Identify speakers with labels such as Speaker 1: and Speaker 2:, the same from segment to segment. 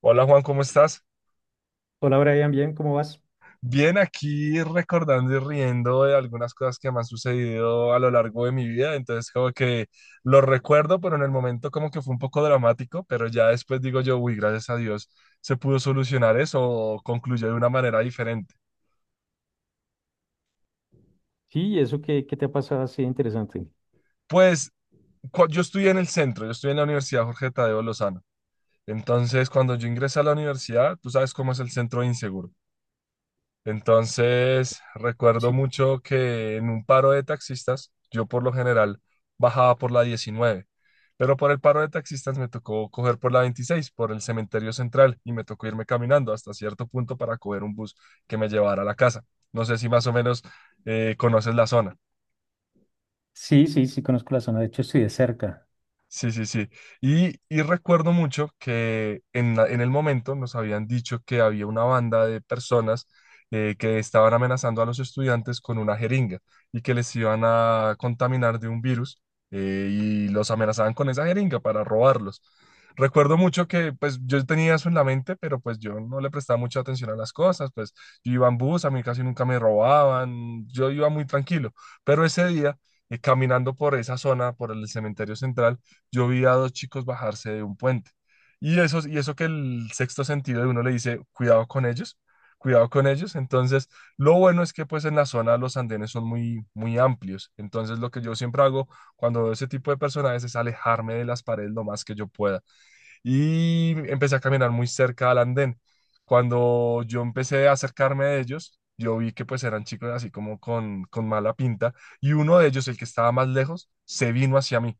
Speaker 1: Hola Juan, ¿cómo estás?
Speaker 2: Hola Brian, bien, ¿cómo vas?
Speaker 1: Bien, aquí recordando y riendo de algunas cosas que me han sucedido a lo largo de mi vida, entonces como que lo recuerdo, pero en el momento como que fue un poco dramático, pero ya después digo yo, uy, gracias a Dios se pudo solucionar eso o concluyó de una manera diferente.
Speaker 2: Sí, eso que te ha pasado así de interesante.
Speaker 1: Pues yo estudié en el centro, yo estudié en la Universidad Jorge Tadeo Lozano, entonces cuando yo ingresé a la universidad, tú sabes cómo es el centro inseguro. Entonces, recuerdo
Speaker 2: Sí,
Speaker 1: mucho que en un paro de taxistas, yo por lo general bajaba por la 19, pero por el paro de taxistas me tocó coger por la 26, por el cementerio central, y me tocó irme caminando hasta cierto punto para coger un bus que me llevara a la casa. No sé si más o menos conoces la zona.
Speaker 2: sí, sí, sí, conozco la zona, de hecho estoy de cerca,
Speaker 1: Sí, sí, sí. Y recuerdo mucho que en el momento nos habían dicho que había una banda de personas que estaban amenazando a los estudiantes con una jeringa y que les iban a contaminar de un virus, y los amenazaban con esa jeringa para robarlos. Recuerdo mucho que pues yo tenía eso en la mente, pero pues yo no le prestaba mucha atención a las cosas, pues yo iba en bus, a mí casi nunca me robaban, yo iba muy tranquilo, pero ese día, caminando por esa zona, por el cementerio central, yo vi a dos chicos bajarse de un puente. Y eso que el sexto sentido de uno le dice, cuidado con ellos, cuidado con ellos. Entonces, lo bueno es que pues en la zona los andenes son muy, muy amplios. Entonces, lo que yo siempre hago cuando veo ese tipo de personajes es alejarme de las paredes lo más que yo pueda. Y empecé a caminar muy cerca al andén. Cuando yo empecé a acercarme a ellos, yo vi que pues eran chicos así como con mala pinta y uno de ellos, el que estaba más lejos, se vino hacia mí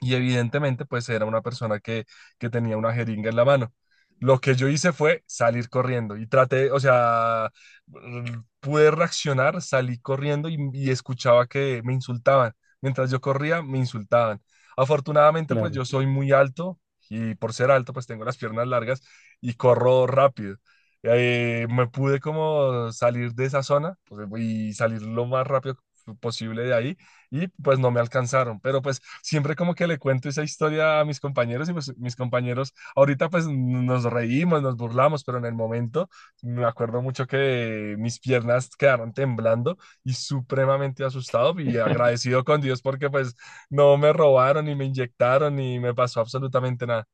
Speaker 1: y evidentemente pues era una persona que tenía una jeringa en la mano. Lo que yo hice fue salir corriendo y traté, o sea, pude reaccionar, salí corriendo y escuchaba que me insultaban. Mientras yo corría, me insultaban. Afortunadamente pues
Speaker 2: claro.
Speaker 1: yo soy muy alto y por ser alto pues tengo las piernas largas y corro rápido. Me pude como salir de esa zona pues, y salir lo más rápido posible de ahí y pues no me alcanzaron. Pero pues siempre como que le cuento esa historia a mis compañeros y pues mis compañeros ahorita pues nos reímos, nos burlamos, pero en el momento me acuerdo mucho que mis piernas quedaron temblando y supremamente asustado y agradecido con Dios porque pues no me robaron ni me inyectaron ni me pasó absolutamente nada.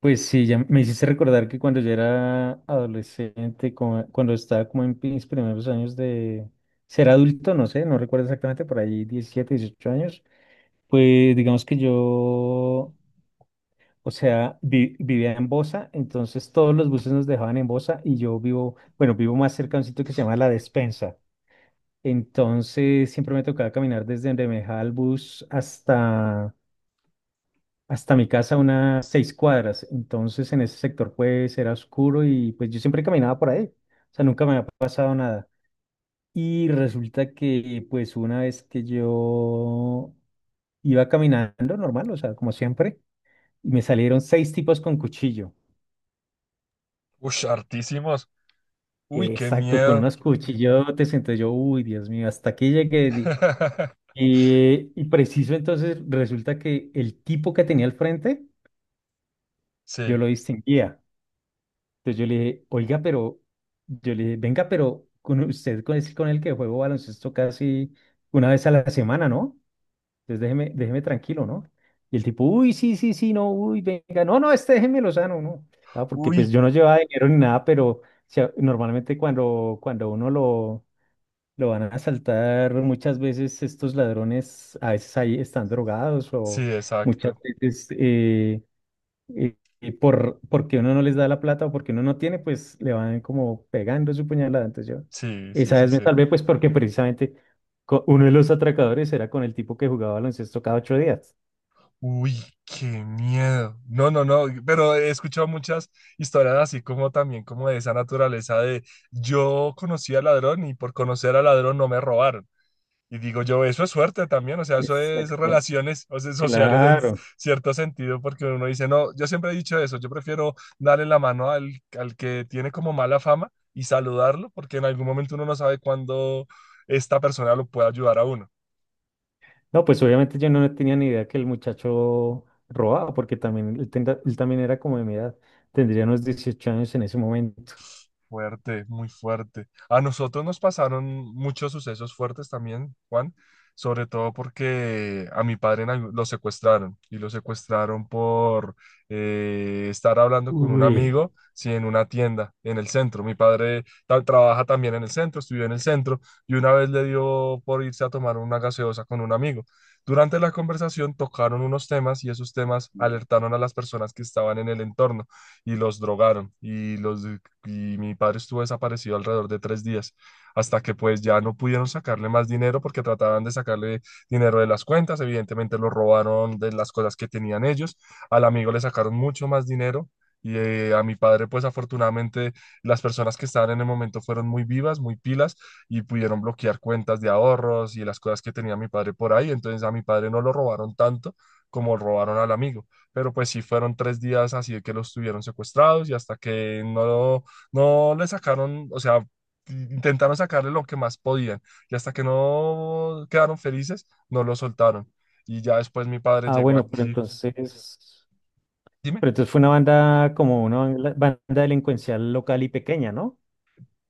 Speaker 2: Pues sí, ya me hiciste recordar que cuando yo era adolescente, cuando estaba como en mis primeros años de ser adulto, no sé, no recuerdo exactamente, por ahí 17, 18 años, pues digamos que yo, o sea, vivía en Bosa, entonces todos los buses nos dejaban en Bosa y yo vivo, bueno, vivo más cerca de un sitio que se llama La Despensa. Entonces siempre me tocaba caminar desde Bermeja al bus hasta mi casa unas 6 cuadras. Entonces en ese sector pues era oscuro y pues yo siempre caminaba por ahí. O sea, nunca me había pasado nada. Y resulta que pues una vez que yo iba caminando normal, o sea, como siempre, y me salieron 6 tipos con cuchillo.
Speaker 1: Uy, hartísimos. Uy, qué
Speaker 2: Exacto, con
Speaker 1: miedo.
Speaker 2: unos cuchillotes. Entonces yo, uy, Dios mío, hasta aquí llegué. Y preciso, entonces resulta que el tipo que tenía al frente, yo
Speaker 1: Sí.
Speaker 2: lo distinguía. Entonces yo le dije, oiga, pero, yo le dije, venga, pero con usted con es con el que juego baloncesto casi una vez a la semana, ¿no? Entonces déjeme, déjeme tranquilo, ¿no? Y el tipo, uy, sí, sí, sí, no, uy, venga, no, no, este déjemelo sano, ¿no? Ah, porque pues
Speaker 1: Uy,
Speaker 2: yo no llevaba dinero ni nada, pero o sea, normalmente cuando uno lo van a asaltar muchas veces estos ladrones, a veces ahí están drogados
Speaker 1: sí,
Speaker 2: o muchas
Speaker 1: exacto.
Speaker 2: veces porque uno no les da la plata o porque uno no tiene, pues le van como pegando su puñalada. Entonces yo
Speaker 1: Sí, sí,
Speaker 2: esa
Speaker 1: sí,
Speaker 2: vez me
Speaker 1: sí.
Speaker 2: salvé pues porque precisamente uno de los atracadores era con el tipo que jugaba baloncesto cada 8 días.
Speaker 1: Uy, qué miedo. No, no, no, pero he escuchado muchas historias así como también como de esa naturaleza de yo conocí al ladrón y por conocer al ladrón no me robaron. Y digo yo, eso es suerte también, o sea, eso es
Speaker 2: Exacto.
Speaker 1: relaciones, o sea, sociales en
Speaker 2: Claro.
Speaker 1: cierto sentido, porque uno dice, no, yo siempre he dicho eso, yo prefiero darle la mano al, al que tiene como mala fama y saludarlo, porque en algún momento uno no sabe cuándo esta persona lo puede ayudar a uno.
Speaker 2: No, pues obviamente yo no tenía ni idea que el muchacho robaba porque también, él, él también era como de mi edad, tendría unos 18 años en ese momento.
Speaker 1: Fuerte, muy fuerte. A nosotros nos pasaron muchos sucesos fuertes también, Juan, sobre todo porque a mi padre en lo secuestraron y lo secuestraron por estar hablando con un
Speaker 2: Uy.
Speaker 1: amigo, sí, en una tienda, en el centro. Mi padre trabaja también en el centro, estudió en el centro y una vez le dio por irse a tomar una gaseosa con un amigo. Durante la conversación tocaron unos temas y esos temas alertaron a las personas que estaban en el entorno y los drogaron y los y mi padre estuvo desaparecido alrededor de 3 días, hasta que pues ya no pudieron sacarle más dinero porque trataban de sacarle dinero de las cuentas, evidentemente lo robaron de las cosas que tenían ellos, al amigo le sacaron mucho más dinero. Y a mi padre, pues afortunadamente las personas que estaban en el momento fueron muy vivas, muy pilas y pudieron bloquear cuentas de ahorros y las cosas que tenía mi padre por ahí. Entonces a mi padre no lo robaron tanto como robaron al amigo. Pero pues sí fueron 3 días así de que los tuvieron secuestrados y hasta que no no le sacaron, o sea, intentaron sacarle lo que más podían y hasta que no quedaron felices, no lo soltaron. Y ya después mi padre
Speaker 2: Ah,
Speaker 1: llegó
Speaker 2: bueno,
Speaker 1: aquí. Dime,
Speaker 2: pero entonces fue una banda como una banda delincuencial local y pequeña, ¿no?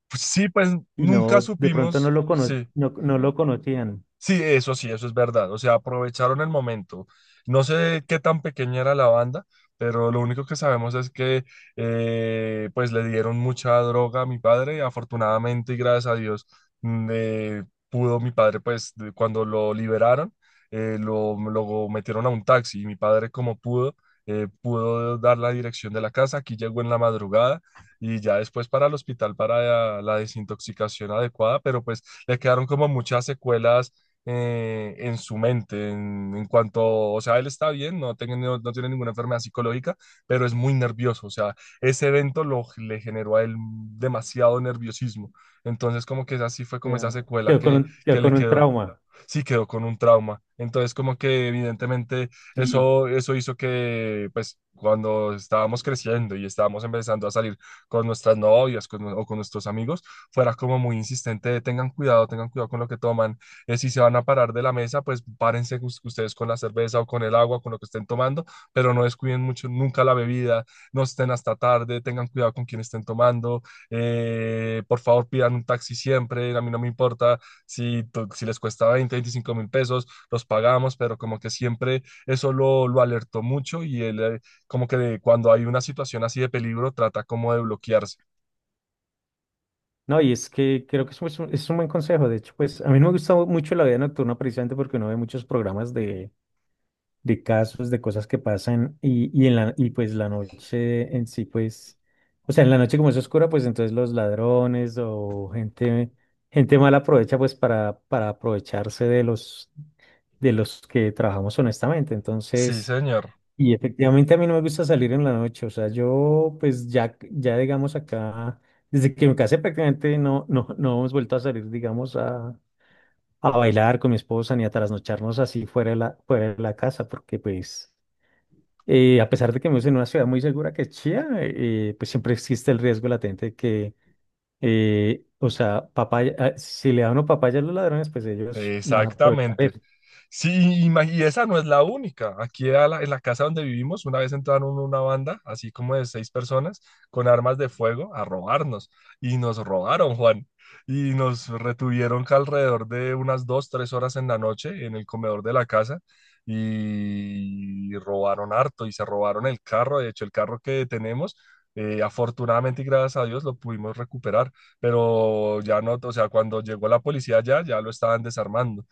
Speaker 1: pues sí, pues
Speaker 2: Y
Speaker 1: nunca
Speaker 2: no, de pronto no
Speaker 1: supimos,
Speaker 2: lo
Speaker 1: sí.
Speaker 2: no, no lo conocían.
Speaker 1: Sí, eso es verdad. O sea, aprovecharon el momento. No sé qué tan pequeña era la banda, pero lo único que sabemos es que pues le dieron mucha droga a mi padre. Afortunadamente y gracias a Dios mm, eh, pudo mi padre, pues cuando lo liberaron, lo metieron a un taxi y mi padre como pudo, pudo dar la dirección de la casa. Aquí llegó en la madrugada. Y ya después para el hospital para la desintoxicación adecuada, pero pues le quedaron como muchas secuelas en su mente, en cuanto, o sea, él está bien, no, no, no tiene ninguna enfermedad psicológica, pero es muy nervioso, o sea, ese evento lo, le generó a él demasiado nerviosismo, entonces como que así fue como esa
Speaker 2: Ya.
Speaker 1: secuela que,
Speaker 2: Quedó
Speaker 1: que le
Speaker 2: con un
Speaker 1: quedó
Speaker 2: trauma.
Speaker 1: Sí, quedó con un trauma. Entonces, como que evidentemente
Speaker 2: Sí.
Speaker 1: eso hizo que, pues, cuando estábamos creciendo y estábamos empezando a salir con nuestras novias o con nuestros amigos, fuera como muy insistente de, tengan cuidado con lo que toman. Si se van a parar de la mesa, pues párense ustedes con la cerveza o con el agua, con lo que estén tomando, pero no descuiden mucho nunca la bebida, no estén hasta tarde, tengan cuidado con quien estén tomando, por favor pidan un taxi siempre, a mí no me importa si, si les cuesta 20, 25.000 pesos, los pagamos, pero como que siempre eso lo alertó mucho y él, como que cuando hay una situación así de peligro trata como de bloquearse.
Speaker 2: No, y es que creo que es un buen consejo. De hecho, pues a mí no me gusta mucho la vida nocturna precisamente porque uno ve muchos programas de casos, de cosas que pasan en y pues la noche en sí, pues, o sea, en la noche como es oscura, pues entonces los ladrones o gente mala aprovecha pues para aprovecharse de de los que trabajamos honestamente.
Speaker 1: Sí,
Speaker 2: Entonces,
Speaker 1: señor,
Speaker 2: y efectivamente a mí no me gusta salir en la noche, o sea, yo pues ya digamos acá, desde que me casé prácticamente no, no, no hemos vuelto a salir, digamos, a bailar con mi esposa ni a trasnocharnos así fuera de fuera de la casa, porque pues a pesar de que vivimos en una ciudad muy segura que es Chía, pues siempre existe el riesgo latente de que, o sea, papaya, ah, si le dan una papaya a los ladrones, pues ellos van a aprovechar
Speaker 1: exactamente.
Speaker 2: eso.
Speaker 1: Sí, y, y esa no es la única. Aquí a en la casa donde vivimos, una vez entraron una banda, así como de seis personas, con armas de fuego a robarnos. Y nos robaron, Juan. Y nos retuvieron que alrededor de unas 2, 3 horas en la noche en el comedor de la casa. Y robaron harto y se robaron el carro. De hecho, el carro que tenemos, afortunadamente y gracias a Dios, lo pudimos recuperar. Pero ya no, o sea, cuando llegó la policía ya, ya lo estaban desarmando.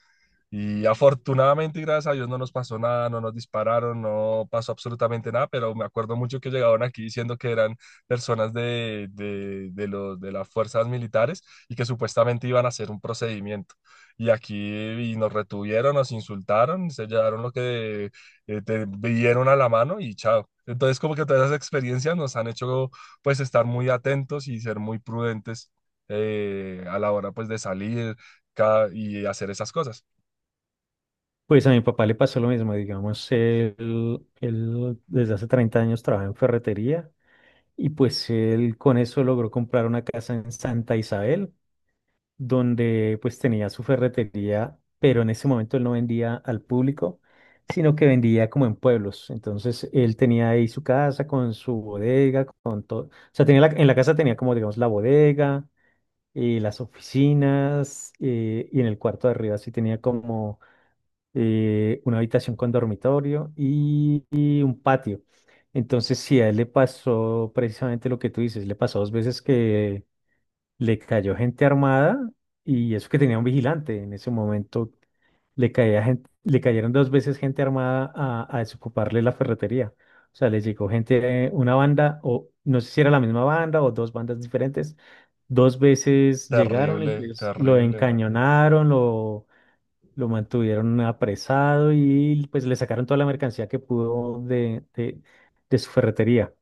Speaker 1: Y afortunadamente, y gracias a Dios, no nos pasó nada, no nos dispararon, no pasó absolutamente nada, pero me acuerdo mucho que llegaban aquí diciendo que eran personas de las fuerzas militares y que supuestamente iban a hacer un procedimiento. Y aquí y nos retuvieron, nos insultaron, se llevaron lo que te vieron a la mano y chao. Entonces, como que todas esas experiencias nos han hecho pues estar muy atentos y ser muy prudentes, a la hora pues de salir y hacer esas cosas.
Speaker 2: Pues a mi papá le pasó lo mismo, digamos, él desde hace 30 años trabaja en ferretería y pues él con eso logró comprar una casa en Santa Isabel donde pues tenía su ferretería, pero en ese momento él no vendía al público, sino que vendía como en pueblos. Entonces él tenía ahí su casa con su bodega, con todo. O sea, tenía en la casa tenía como, digamos, la bodega y las oficinas y en el cuarto de arriba sí tenía como una habitación con dormitorio y un patio. Entonces sí, a él le pasó precisamente lo que tú dices, le pasó dos veces que le cayó gente armada y eso que tenía un vigilante en ese momento. Le caía gente, le cayeron dos veces gente armada a desocuparle la ferretería. O sea, les llegó gente, una banda, o no sé si era la misma banda o dos bandas diferentes. Dos veces llegaron y
Speaker 1: Terrible,
Speaker 2: pues lo
Speaker 1: terrible,
Speaker 2: encañonaron, lo mantuvieron apresado y pues le sacaron toda la mercancía que pudo de su ferretería.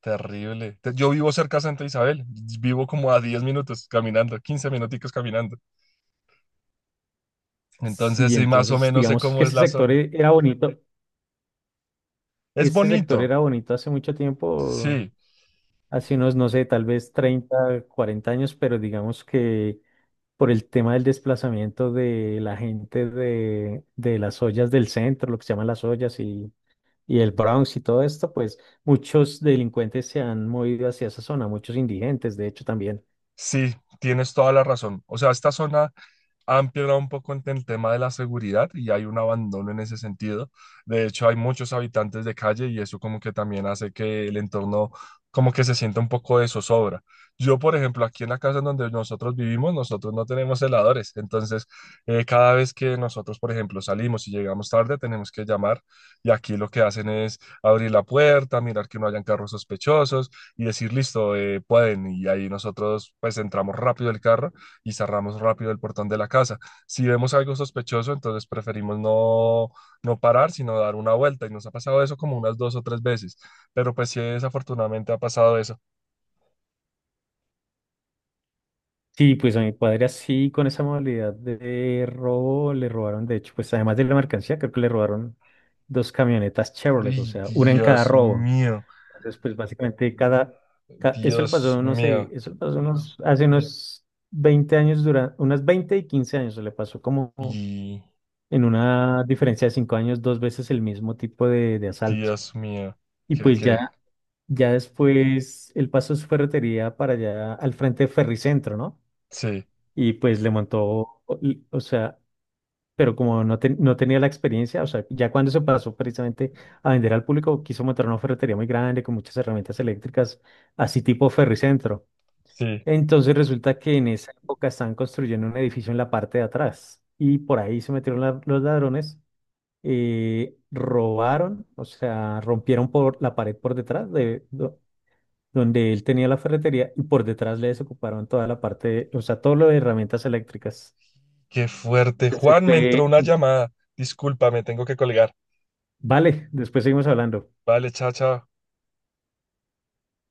Speaker 1: terrible. Yo vivo cerca de Santa Isabel, vivo como a 10 minutos caminando, 15 minuticos caminando. Entonces
Speaker 2: Sí,
Speaker 1: sí, más o
Speaker 2: entonces
Speaker 1: menos sé
Speaker 2: digamos que
Speaker 1: cómo es
Speaker 2: ese
Speaker 1: la
Speaker 2: sector
Speaker 1: zona.
Speaker 2: era bonito.
Speaker 1: Es
Speaker 2: Este sector
Speaker 1: bonito,
Speaker 2: era bonito hace mucho tiempo,
Speaker 1: sí,
Speaker 2: hace unos, no sé, tal vez 30, 40 años, pero digamos que por el tema del desplazamiento de la gente de las ollas del centro, lo que se llaman las ollas y el Bronx y todo esto, pues muchos delincuentes se han movido hacia esa zona, muchos indigentes, de hecho, también.
Speaker 1: sí, tienes toda la razón. O sea, esta zona han empeorado un poco en el tema de la seguridad y hay un abandono en ese sentido. De hecho, hay muchos habitantes de calle y eso como que también hace que el entorno como que se sienta un poco de zozobra. Yo, por ejemplo, aquí en la casa en donde nosotros vivimos, nosotros no tenemos heladores. Entonces, cada vez que nosotros, por ejemplo, salimos y llegamos tarde, tenemos que llamar y aquí lo que hacen es abrir la puerta, mirar que no hayan carros sospechosos y decir, listo, pueden. Y ahí nosotros pues entramos rápido el carro y cerramos rápido el portón de la casa. Si vemos algo sospechoso, entonces preferimos no, no parar, sino dar una vuelta. Y nos ha pasado eso como unas dos o tres veces. Pero pues sí, desafortunadamente ha pasado eso.
Speaker 2: Sí, pues a mi padre así, con esa modalidad de robo, le robaron, de hecho, pues además de la mercancía, creo que le robaron dos camionetas Chevrolet, o
Speaker 1: Y
Speaker 2: sea, una en cada robo. Entonces, pues básicamente cada, eso le
Speaker 1: Dios
Speaker 2: pasó, no sé,
Speaker 1: mío,
Speaker 2: eso le pasó unos, hace unos 20 años, durante, unas 20 y 15 años, le pasó como
Speaker 1: y
Speaker 2: en una diferencia de 5 años, dos veces el mismo tipo de asalto.
Speaker 1: Dios mío,
Speaker 2: Y
Speaker 1: que,
Speaker 2: pues
Speaker 1: que,
Speaker 2: ya, ya después él pasó su ferretería para allá al frente de Ferricentro, ¿no?
Speaker 1: sí,
Speaker 2: Y pues le montó, o sea, pero como no, no tenía la experiencia, o sea, ya cuando se pasó precisamente a vender al público, quiso montar una ferretería muy grande con muchas herramientas eléctricas, así tipo Ferricentro.
Speaker 1: sí,
Speaker 2: Entonces resulta que en esa época estaban construyendo un edificio en la parte de atrás y por ahí se metieron los ladrones, robaron, o sea, rompieron por la pared por detrás de... donde él tenía la ferretería y por detrás le desocuparon toda la parte, o sea, todo lo de herramientas eléctricas.
Speaker 1: qué fuerte.
Speaker 2: Ese
Speaker 1: Juan, me entró
Speaker 2: fue-
Speaker 1: una llamada. Discúlpame, tengo que colgar.
Speaker 2: Vale, después seguimos hablando.
Speaker 1: Vale, chao, chao.